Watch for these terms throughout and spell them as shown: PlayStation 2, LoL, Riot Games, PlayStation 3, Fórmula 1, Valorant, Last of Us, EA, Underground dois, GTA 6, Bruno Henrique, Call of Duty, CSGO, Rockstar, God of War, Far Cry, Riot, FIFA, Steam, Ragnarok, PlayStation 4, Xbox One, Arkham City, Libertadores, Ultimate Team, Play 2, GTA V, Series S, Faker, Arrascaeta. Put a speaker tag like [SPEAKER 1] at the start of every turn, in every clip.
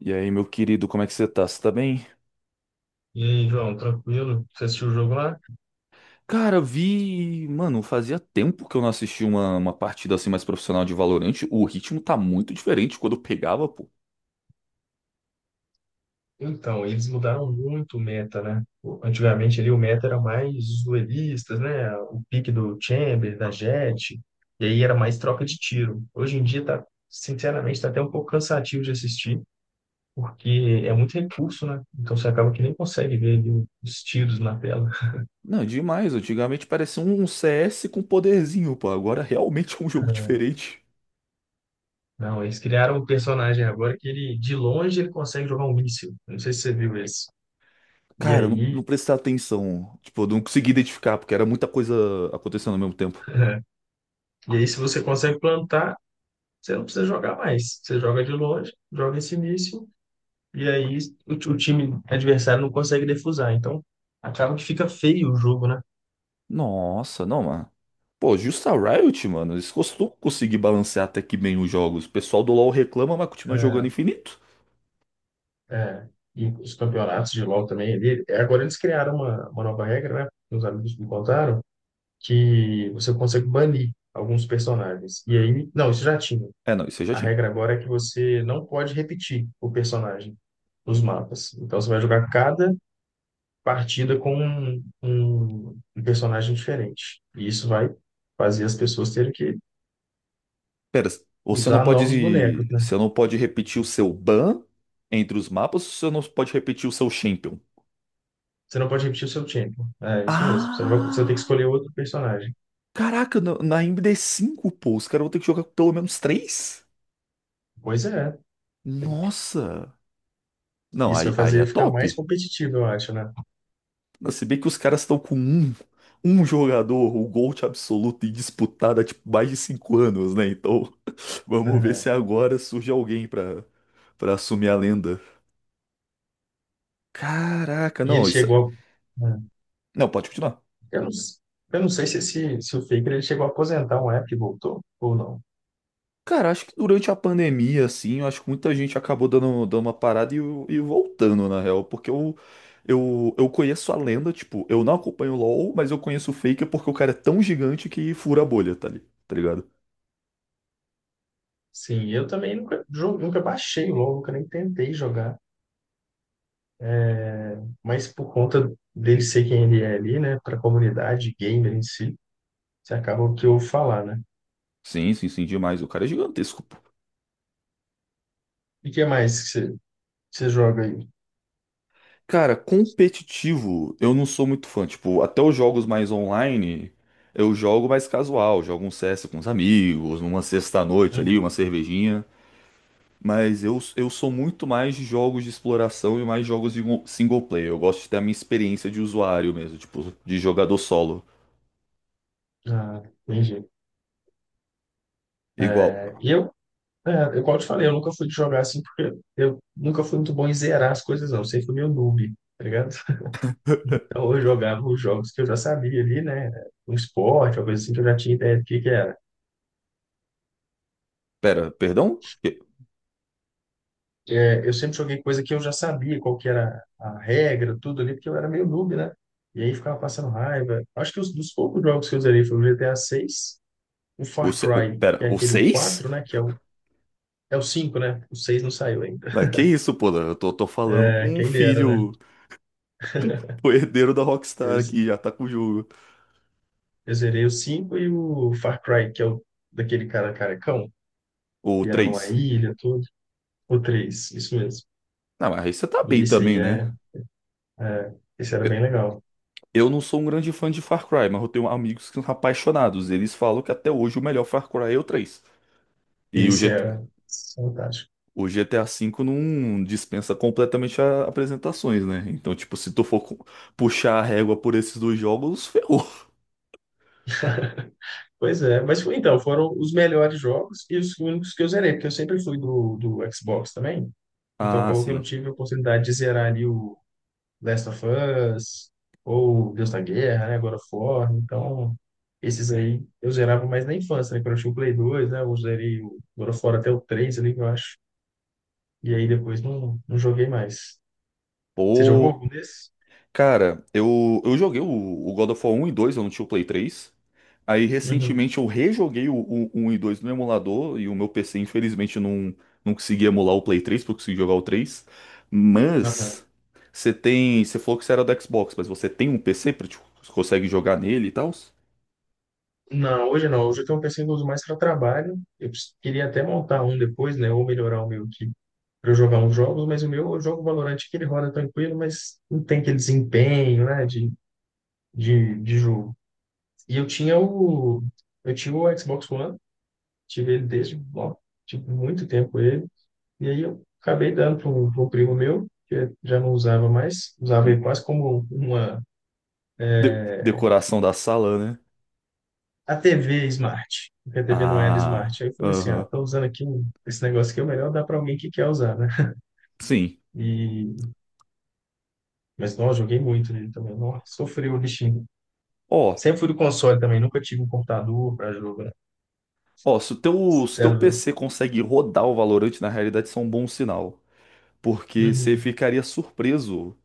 [SPEAKER 1] E aí, meu querido, como é que você tá? Você tá bem?
[SPEAKER 2] E aí, João, tranquilo? Você assistiu o jogo lá?
[SPEAKER 1] Cara, vi. Mano, fazia tempo que eu não assisti uma partida assim mais profissional de Valorante. O ritmo tá muito diferente quando eu pegava, pô.
[SPEAKER 2] Então, eles mudaram muito o meta, né? Antigamente ali o meta era mais os duelistas, né? O pique do Chamber, da Jett, e aí era mais troca de tiro. Hoje em dia tá, sinceramente, tá até um pouco cansativo de assistir, porque é muito recurso, né? Então você acaba que nem consegue ver ali os tiros na tela.
[SPEAKER 1] Não, demais. Antigamente parecia um CS com poderzinho, pô. Agora realmente é um jogo diferente.
[SPEAKER 2] Não, eles criaram um personagem agora que ele, de longe, ele consegue jogar um míssil. Não sei se você viu esse. E
[SPEAKER 1] Cara, eu não,
[SPEAKER 2] aí,
[SPEAKER 1] não prestei atenção. Tipo, eu não consegui identificar, porque era muita coisa acontecendo ao mesmo tempo.
[SPEAKER 2] e aí, se você consegue plantar, você não precisa jogar mais. Você joga de longe, joga esse início, e aí o time adversário não consegue defusar. Então, acaba que fica feio o jogo, né?
[SPEAKER 1] Nossa, não, mano. Pô, justa Riot, mano. Eles costumam conseguir balancear até que bem os jogos. O pessoal do LoL reclama, mas continua jogando infinito.
[SPEAKER 2] É, é. E os campeonatos de LoL também ali. Agora eles criaram uma nova regra, né? Meus amigos me contaram, que você consegue banir alguns personagens. E aí, não, isso já tinha.
[SPEAKER 1] É, não, isso aí já
[SPEAKER 2] A
[SPEAKER 1] tinha.
[SPEAKER 2] regra agora é que você não pode repetir o personagem nos mapas. Então você vai jogar cada partida com um personagem diferente. E isso vai fazer as pessoas terem que
[SPEAKER 1] Pera, você não
[SPEAKER 2] usar novos
[SPEAKER 1] pode.
[SPEAKER 2] bonecos, né?
[SPEAKER 1] Você não pode repetir o seu ban entre os mapas, você não pode repetir o seu champion.
[SPEAKER 2] Você não pode repetir o seu tempo. É isso mesmo. Você não vai, você vai ter que escolher
[SPEAKER 1] Ah!
[SPEAKER 2] outro personagem.
[SPEAKER 1] Caraca, na md cinco pô, os caras vão ter que jogar pelo menos três?
[SPEAKER 2] Pois é.
[SPEAKER 1] Nossa! Não,
[SPEAKER 2] Isso
[SPEAKER 1] aí,
[SPEAKER 2] vai
[SPEAKER 1] aí
[SPEAKER 2] fazer
[SPEAKER 1] é
[SPEAKER 2] ele ficar mais
[SPEAKER 1] top.
[SPEAKER 2] competitivo, eu acho, né?
[SPEAKER 1] Não, se bem que os caras estão com um jogador, o GOAT absoluto e disputado há tipo, mais de 5 anos, né? Então, vamos ver se
[SPEAKER 2] É.
[SPEAKER 1] agora surge alguém pra assumir a lenda. Caraca,
[SPEAKER 2] E ele
[SPEAKER 1] não, isso.
[SPEAKER 2] chegou. a-
[SPEAKER 1] Não, pode continuar.
[SPEAKER 2] é. Eu não sei se o Faker ele chegou a aposentar um app e voltou ou não.
[SPEAKER 1] Cara, acho que durante a pandemia, assim, eu acho que muita gente acabou dando uma parada e voltando, na real, porque eu conheço a lenda, tipo, eu não acompanho o LoL, mas eu conheço o Faker porque o cara é tão gigante que fura a bolha, tá, tá ligado?
[SPEAKER 2] Sim, eu também nunca, nunca baixei o LoL, nunca nem tentei jogar. Mas por conta dele ser quem ele é ali, né, para a comunidade gamer em si, você acaba o que eu falar, né?
[SPEAKER 1] Sim, sim, sim, demais, o cara é gigantesco, pô.
[SPEAKER 2] E o que mais que você joga aí?
[SPEAKER 1] Cara, competitivo, eu não sou muito fã, tipo, até os jogos mais online, eu jogo mais casual, jogo um CS com os amigos, numa sexta-noite ali, uma
[SPEAKER 2] Uhum.
[SPEAKER 1] cervejinha. Mas eu sou muito mais de jogos de exploração e mais jogos de single player. Eu gosto de ter a minha experiência de usuário mesmo, tipo, de jogador solo.
[SPEAKER 2] Ah, entendi.
[SPEAKER 1] Igual.
[SPEAKER 2] É, e eu, é, igual eu te falei, eu nunca fui de jogar assim, porque eu nunca fui muito bom em zerar as coisas, não. Eu sempre fui meio noob, tá ligado? Então eu jogava os jogos que eu já sabia ali, né? Um esporte, alguma coisa assim, que eu já tinha ideia do que era.
[SPEAKER 1] Pera, perdão? Que-
[SPEAKER 2] É, eu sempre joguei coisa que eu já sabia qual que era a regra, tudo ali, porque eu era meio noob, né? E aí ficava passando raiva. Acho que dos poucos jogos que eu zerei foi o GTA 6, o
[SPEAKER 1] O,
[SPEAKER 2] Far
[SPEAKER 1] se- o,
[SPEAKER 2] Cry,
[SPEAKER 1] pera,
[SPEAKER 2] que é
[SPEAKER 1] O
[SPEAKER 2] aquele o
[SPEAKER 1] 6?
[SPEAKER 2] 4 né? É o 5 né? O 6 não saiu ainda.
[SPEAKER 1] Ah, que isso, pô? Eu tô falando
[SPEAKER 2] É,
[SPEAKER 1] com um
[SPEAKER 2] quem dera, né?
[SPEAKER 1] filho, o herdeiro da
[SPEAKER 2] Eu,
[SPEAKER 1] Rockstar
[SPEAKER 2] ze-
[SPEAKER 1] que já tá com o jogo.
[SPEAKER 2] eu zerei o 5 e o Far Cry, que é o daquele cara carecão,
[SPEAKER 1] O
[SPEAKER 2] que era numa
[SPEAKER 1] três.
[SPEAKER 2] ilha, tudo. O 3 isso mesmo.
[SPEAKER 1] Ah, mas aí você tá
[SPEAKER 2] E
[SPEAKER 1] bem
[SPEAKER 2] esse
[SPEAKER 1] também,
[SPEAKER 2] aí
[SPEAKER 1] né?
[SPEAKER 2] é, é, esse era
[SPEAKER 1] Eu,
[SPEAKER 2] bem legal.
[SPEAKER 1] eu não sou um grande fã de Far Cry, mas eu tenho amigos que são apaixonados. Eles falam que até hoje o melhor Far Cry é o 3. E o
[SPEAKER 2] Esse
[SPEAKER 1] GT
[SPEAKER 2] era fantástico.
[SPEAKER 1] O GTA V não dispensa completamente apresentações, né? Então, tipo, se tu for puxar a régua por esses dois jogos, ferrou.
[SPEAKER 2] Pois é, mas então, foram os melhores jogos e os únicos que eu zerei, porque eu sempre fui do Xbox também. Então
[SPEAKER 1] Ah,
[SPEAKER 2] acabou que eu não
[SPEAKER 1] sim.
[SPEAKER 2] tive a oportunidade de zerar ali o Last of Us, ou Deus da Guerra, né? God of War. Então, esses aí eu zerava mais na infância, né? Quando eu tinha o Play 2, né? Eu zerei o God of War até o 3 ali, eu acho. E aí depois não joguei mais. Você jogou
[SPEAKER 1] Pô.
[SPEAKER 2] algum desses?
[SPEAKER 1] Cara, eu joguei o God of War 1 e 2, eu não tinha o Play 3. Aí,
[SPEAKER 2] Uhum.
[SPEAKER 1] recentemente, eu rejoguei o 1 e 2 no emulador e o meu PC, infelizmente, não consegui emular o Play 3, porque eu consegui jogar o 3. Mas, você tem. Você falou que você era do Xbox, mas você tem um PC pra, tipo, você consegue jogar nele e tal?
[SPEAKER 2] Não, hoje não. Hoje eu tenho um PC que eu uso mais para trabalho. Queria até montar um depois, né? Ou melhorar o meu aqui para eu jogar uns jogos, mas o meu eu jogo Valorant que ele roda tranquilo, mas não tem aquele desempenho, né? De jogo. E eu tinha o. Eu tinha o Xbox One, tive ele desde, ó, tive muito tempo ele. E aí eu acabei dando para um, pra um primo meu, que já não usava mais, usava ele quase como uma. É,
[SPEAKER 1] Decoração da sala, né?
[SPEAKER 2] a TV Smart, porque a TV não era
[SPEAKER 1] Ah,
[SPEAKER 2] Smart. Aí eu falei assim, ah,
[SPEAKER 1] aham.
[SPEAKER 2] tô usando aqui esse negócio aqui, é melhor dar para alguém que quer usar, né?
[SPEAKER 1] Sim.
[SPEAKER 2] E, mas, não, eu joguei muito nele também. Nossa, sofri o bichinho.
[SPEAKER 1] Ó,
[SPEAKER 2] Sempre fui do console também, nunca tive um computador para jogar.
[SPEAKER 1] ó, se o teu, se o teu
[SPEAKER 2] Sério.
[SPEAKER 1] PC consegue rodar o Valorant, na realidade, isso é um bom sinal. Porque você
[SPEAKER 2] Uhum.
[SPEAKER 1] ficaria surpreso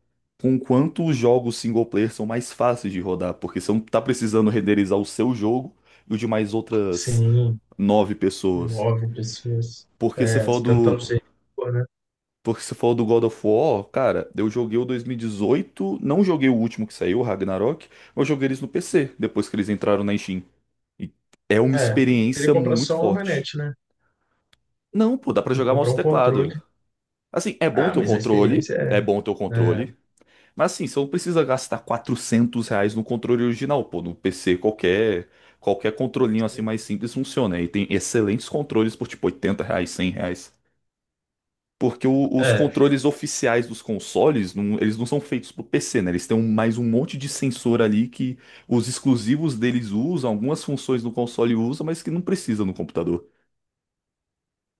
[SPEAKER 1] com quanto os jogos single player são mais fáceis de rodar. Porque você não tá precisando renderizar o seu jogo e o de mais outras
[SPEAKER 2] Sim,
[SPEAKER 1] nove pessoas.
[SPEAKER 2] nove pessoas.
[SPEAKER 1] Porque você
[SPEAKER 2] É,
[SPEAKER 1] falou
[SPEAKER 2] você tentando
[SPEAKER 1] do,
[SPEAKER 2] ser, rico, né?
[SPEAKER 1] Porque se for do God of War, cara, eu joguei o 2018, não joguei o último que saiu, o Ragnarok, mas joguei eles no PC, depois que eles entraram na Steam. E é uma
[SPEAKER 2] É, eu teria que
[SPEAKER 1] experiência
[SPEAKER 2] comprar
[SPEAKER 1] muito
[SPEAKER 2] só uma
[SPEAKER 1] forte.
[SPEAKER 2] manete, né?
[SPEAKER 1] Não, pô, dá pra
[SPEAKER 2] Tem que
[SPEAKER 1] jogar
[SPEAKER 2] comprar
[SPEAKER 1] mouse e
[SPEAKER 2] um controle.
[SPEAKER 1] teclado. Assim, é bom
[SPEAKER 2] Ah,
[SPEAKER 1] ter o
[SPEAKER 2] mas a
[SPEAKER 1] controle,
[SPEAKER 2] experiência
[SPEAKER 1] é bom ter o
[SPEAKER 2] é...
[SPEAKER 1] controle, mas assim, você não precisa gastar R$ 400 no controle original, pô, no PC qualquer, controlinho assim mais simples funciona. E tem excelentes controles por tipo R$ 80, R$ 100. Porque os
[SPEAKER 2] é,
[SPEAKER 1] controles oficiais dos consoles, eles não são feitos pro PC, né? Eles têm mais um monte de sensor ali que os exclusivos deles usam, algumas funções do console usam, mas que não precisa no computador.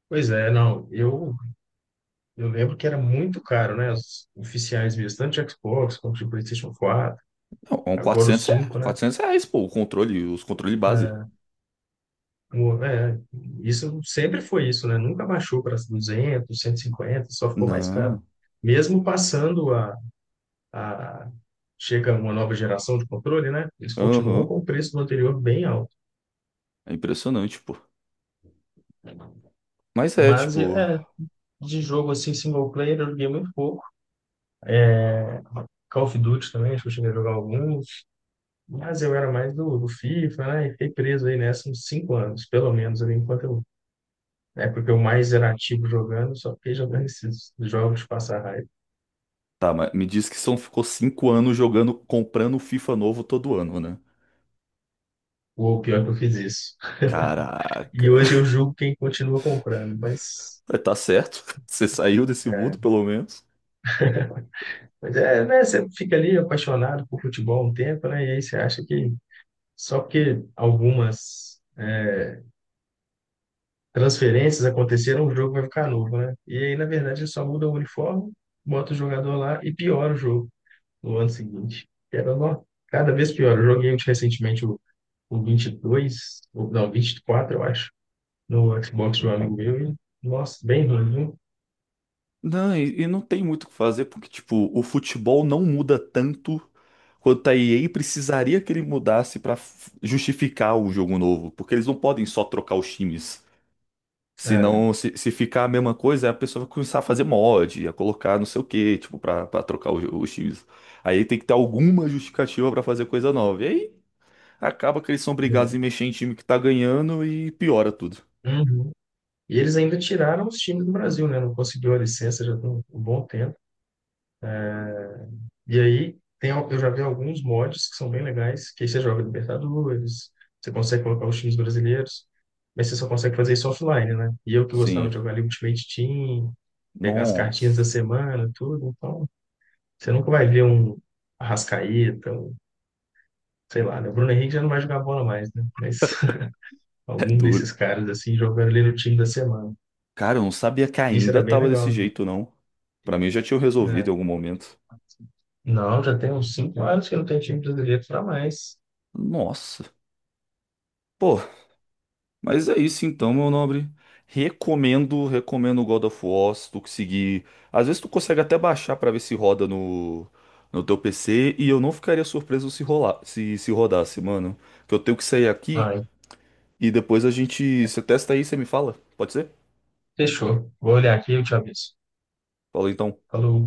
[SPEAKER 2] pois é, não. Eu lembro que era muito caro, né? Os oficiais mesmo, tanto de Xbox quanto de PlayStation 4,
[SPEAKER 1] Não,
[SPEAKER 2] agora o 5, né?
[SPEAKER 1] R$ 400, pô, o controle, os controle base.
[SPEAKER 2] é, É, isso sempre foi isso, né? Nunca baixou para 200, 150, só ficou mais caro.
[SPEAKER 1] Não,
[SPEAKER 2] Mesmo passando a... chega uma nova geração de controle, né? Eles continuam
[SPEAKER 1] aham,
[SPEAKER 2] com o preço do anterior bem alto.
[SPEAKER 1] é impressionante, pô. Mas é,
[SPEAKER 2] Mas,
[SPEAKER 1] tipo,
[SPEAKER 2] é, de jogo assim, single player, eu joguei muito pouco. Call of Duty também, acho que eu cheguei a jogar alguns. Mas eu era mais do FIFA, né? E fiquei preso aí nessa uns 5 anos, pelo menos, ali, enquanto eu. Na época que eu mais era ativo jogando, só fiquei jogando esses jogos de passar raiva.
[SPEAKER 1] tá, mas me diz que são, ficou 5 anos jogando, comprando FIFA novo todo ano, né?
[SPEAKER 2] Ou pior é que eu fiz isso.
[SPEAKER 1] Caraca,
[SPEAKER 2] E hoje eu julgo quem continua comprando, mas.
[SPEAKER 1] tá certo, você saiu desse mundo pelo menos.
[SPEAKER 2] Mas é, né? Você fica ali apaixonado por futebol um tempo, né? E aí você acha que só porque algumas transferências aconteceram, o jogo vai ficar novo, né? E aí, na verdade, eles só mudam o uniforme, bota o jogador lá e piora o jogo no ano seguinte. Era nó, cada vez pior. Eu joguei recentemente o 22 ou, não, 24, eu acho, no Xbox de um amigo meu. E, nossa, bem ruim, viu?
[SPEAKER 1] Não, e não tem muito o que fazer, porque, tipo, o futebol não muda tanto quanto a EA precisaria que ele mudasse pra justificar o jogo novo, porque eles não podem só trocar os times.
[SPEAKER 2] É,
[SPEAKER 1] Senão, se ficar a mesma coisa, a pessoa vai começar a fazer mod, a colocar não sei o que tipo, pra trocar os times. Aí tem que ter alguma justificativa pra fazer coisa nova. E aí acaba que eles são
[SPEAKER 2] já.
[SPEAKER 1] obrigados a mexer em time que tá ganhando e piora tudo.
[SPEAKER 2] Uhum. E eles ainda tiraram os times do Brasil, né? Não conseguiu a licença já tem um bom tempo. E aí, tem, eu já vi alguns mods que são bem legais, que aí você joga Libertadores, você consegue colocar os times brasileiros, mas você só consegue fazer isso offline, né? E eu que gostava
[SPEAKER 1] Sim.
[SPEAKER 2] de jogar ali Ultimate Team, pegar as cartinhas da
[SPEAKER 1] Nossa,
[SPEAKER 2] semana, tudo, então você nunca vai ver um Arrascaeta, um, sei lá, né? O Bruno Henrique já não vai jogar bola mais, né? Mas
[SPEAKER 1] é
[SPEAKER 2] algum desses
[SPEAKER 1] duro.
[SPEAKER 2] caras, assim, jogando ali no time da semana.
[SPEAKER 1] Cara, eu não sabia que
[SPEAKER 2] Isso
[SPEAKER 1] ainda
[SPEAKER 2] era bem
[SPEAKER 1] tava desse
[SPEAKER 2] legal, né?
[SPEAKER 1] jeito, não. Pra mim já tinha resolvido em
[SPEAKER 2] É.
[SPEAKER 1] algum momento.
[SPEAKER 2] Não, já tem uns 5 anos que não tem time brasileiro para mais.
[SPEAKER 1] Nossa. Pô, mas é isso então, meu nobre. Recomendo o God of War, se tu conseguir. Às vezes tu consegue até baixar pra ver se roda no, teu PC e eu não ficaria surpreso se rolar, se rodasse, mano. Que eu tenho que sair aqui
[SPEAKER 2] Ah,
[SPEAKER 1] e depois a gente, você testa aí, você me fala. Pode ser?
[SPEAKER 2] fechou. Vou olhar aqui e eu te aviso.
[SPEAKER 1] Fala então.
[SPEAKER 2] Falou.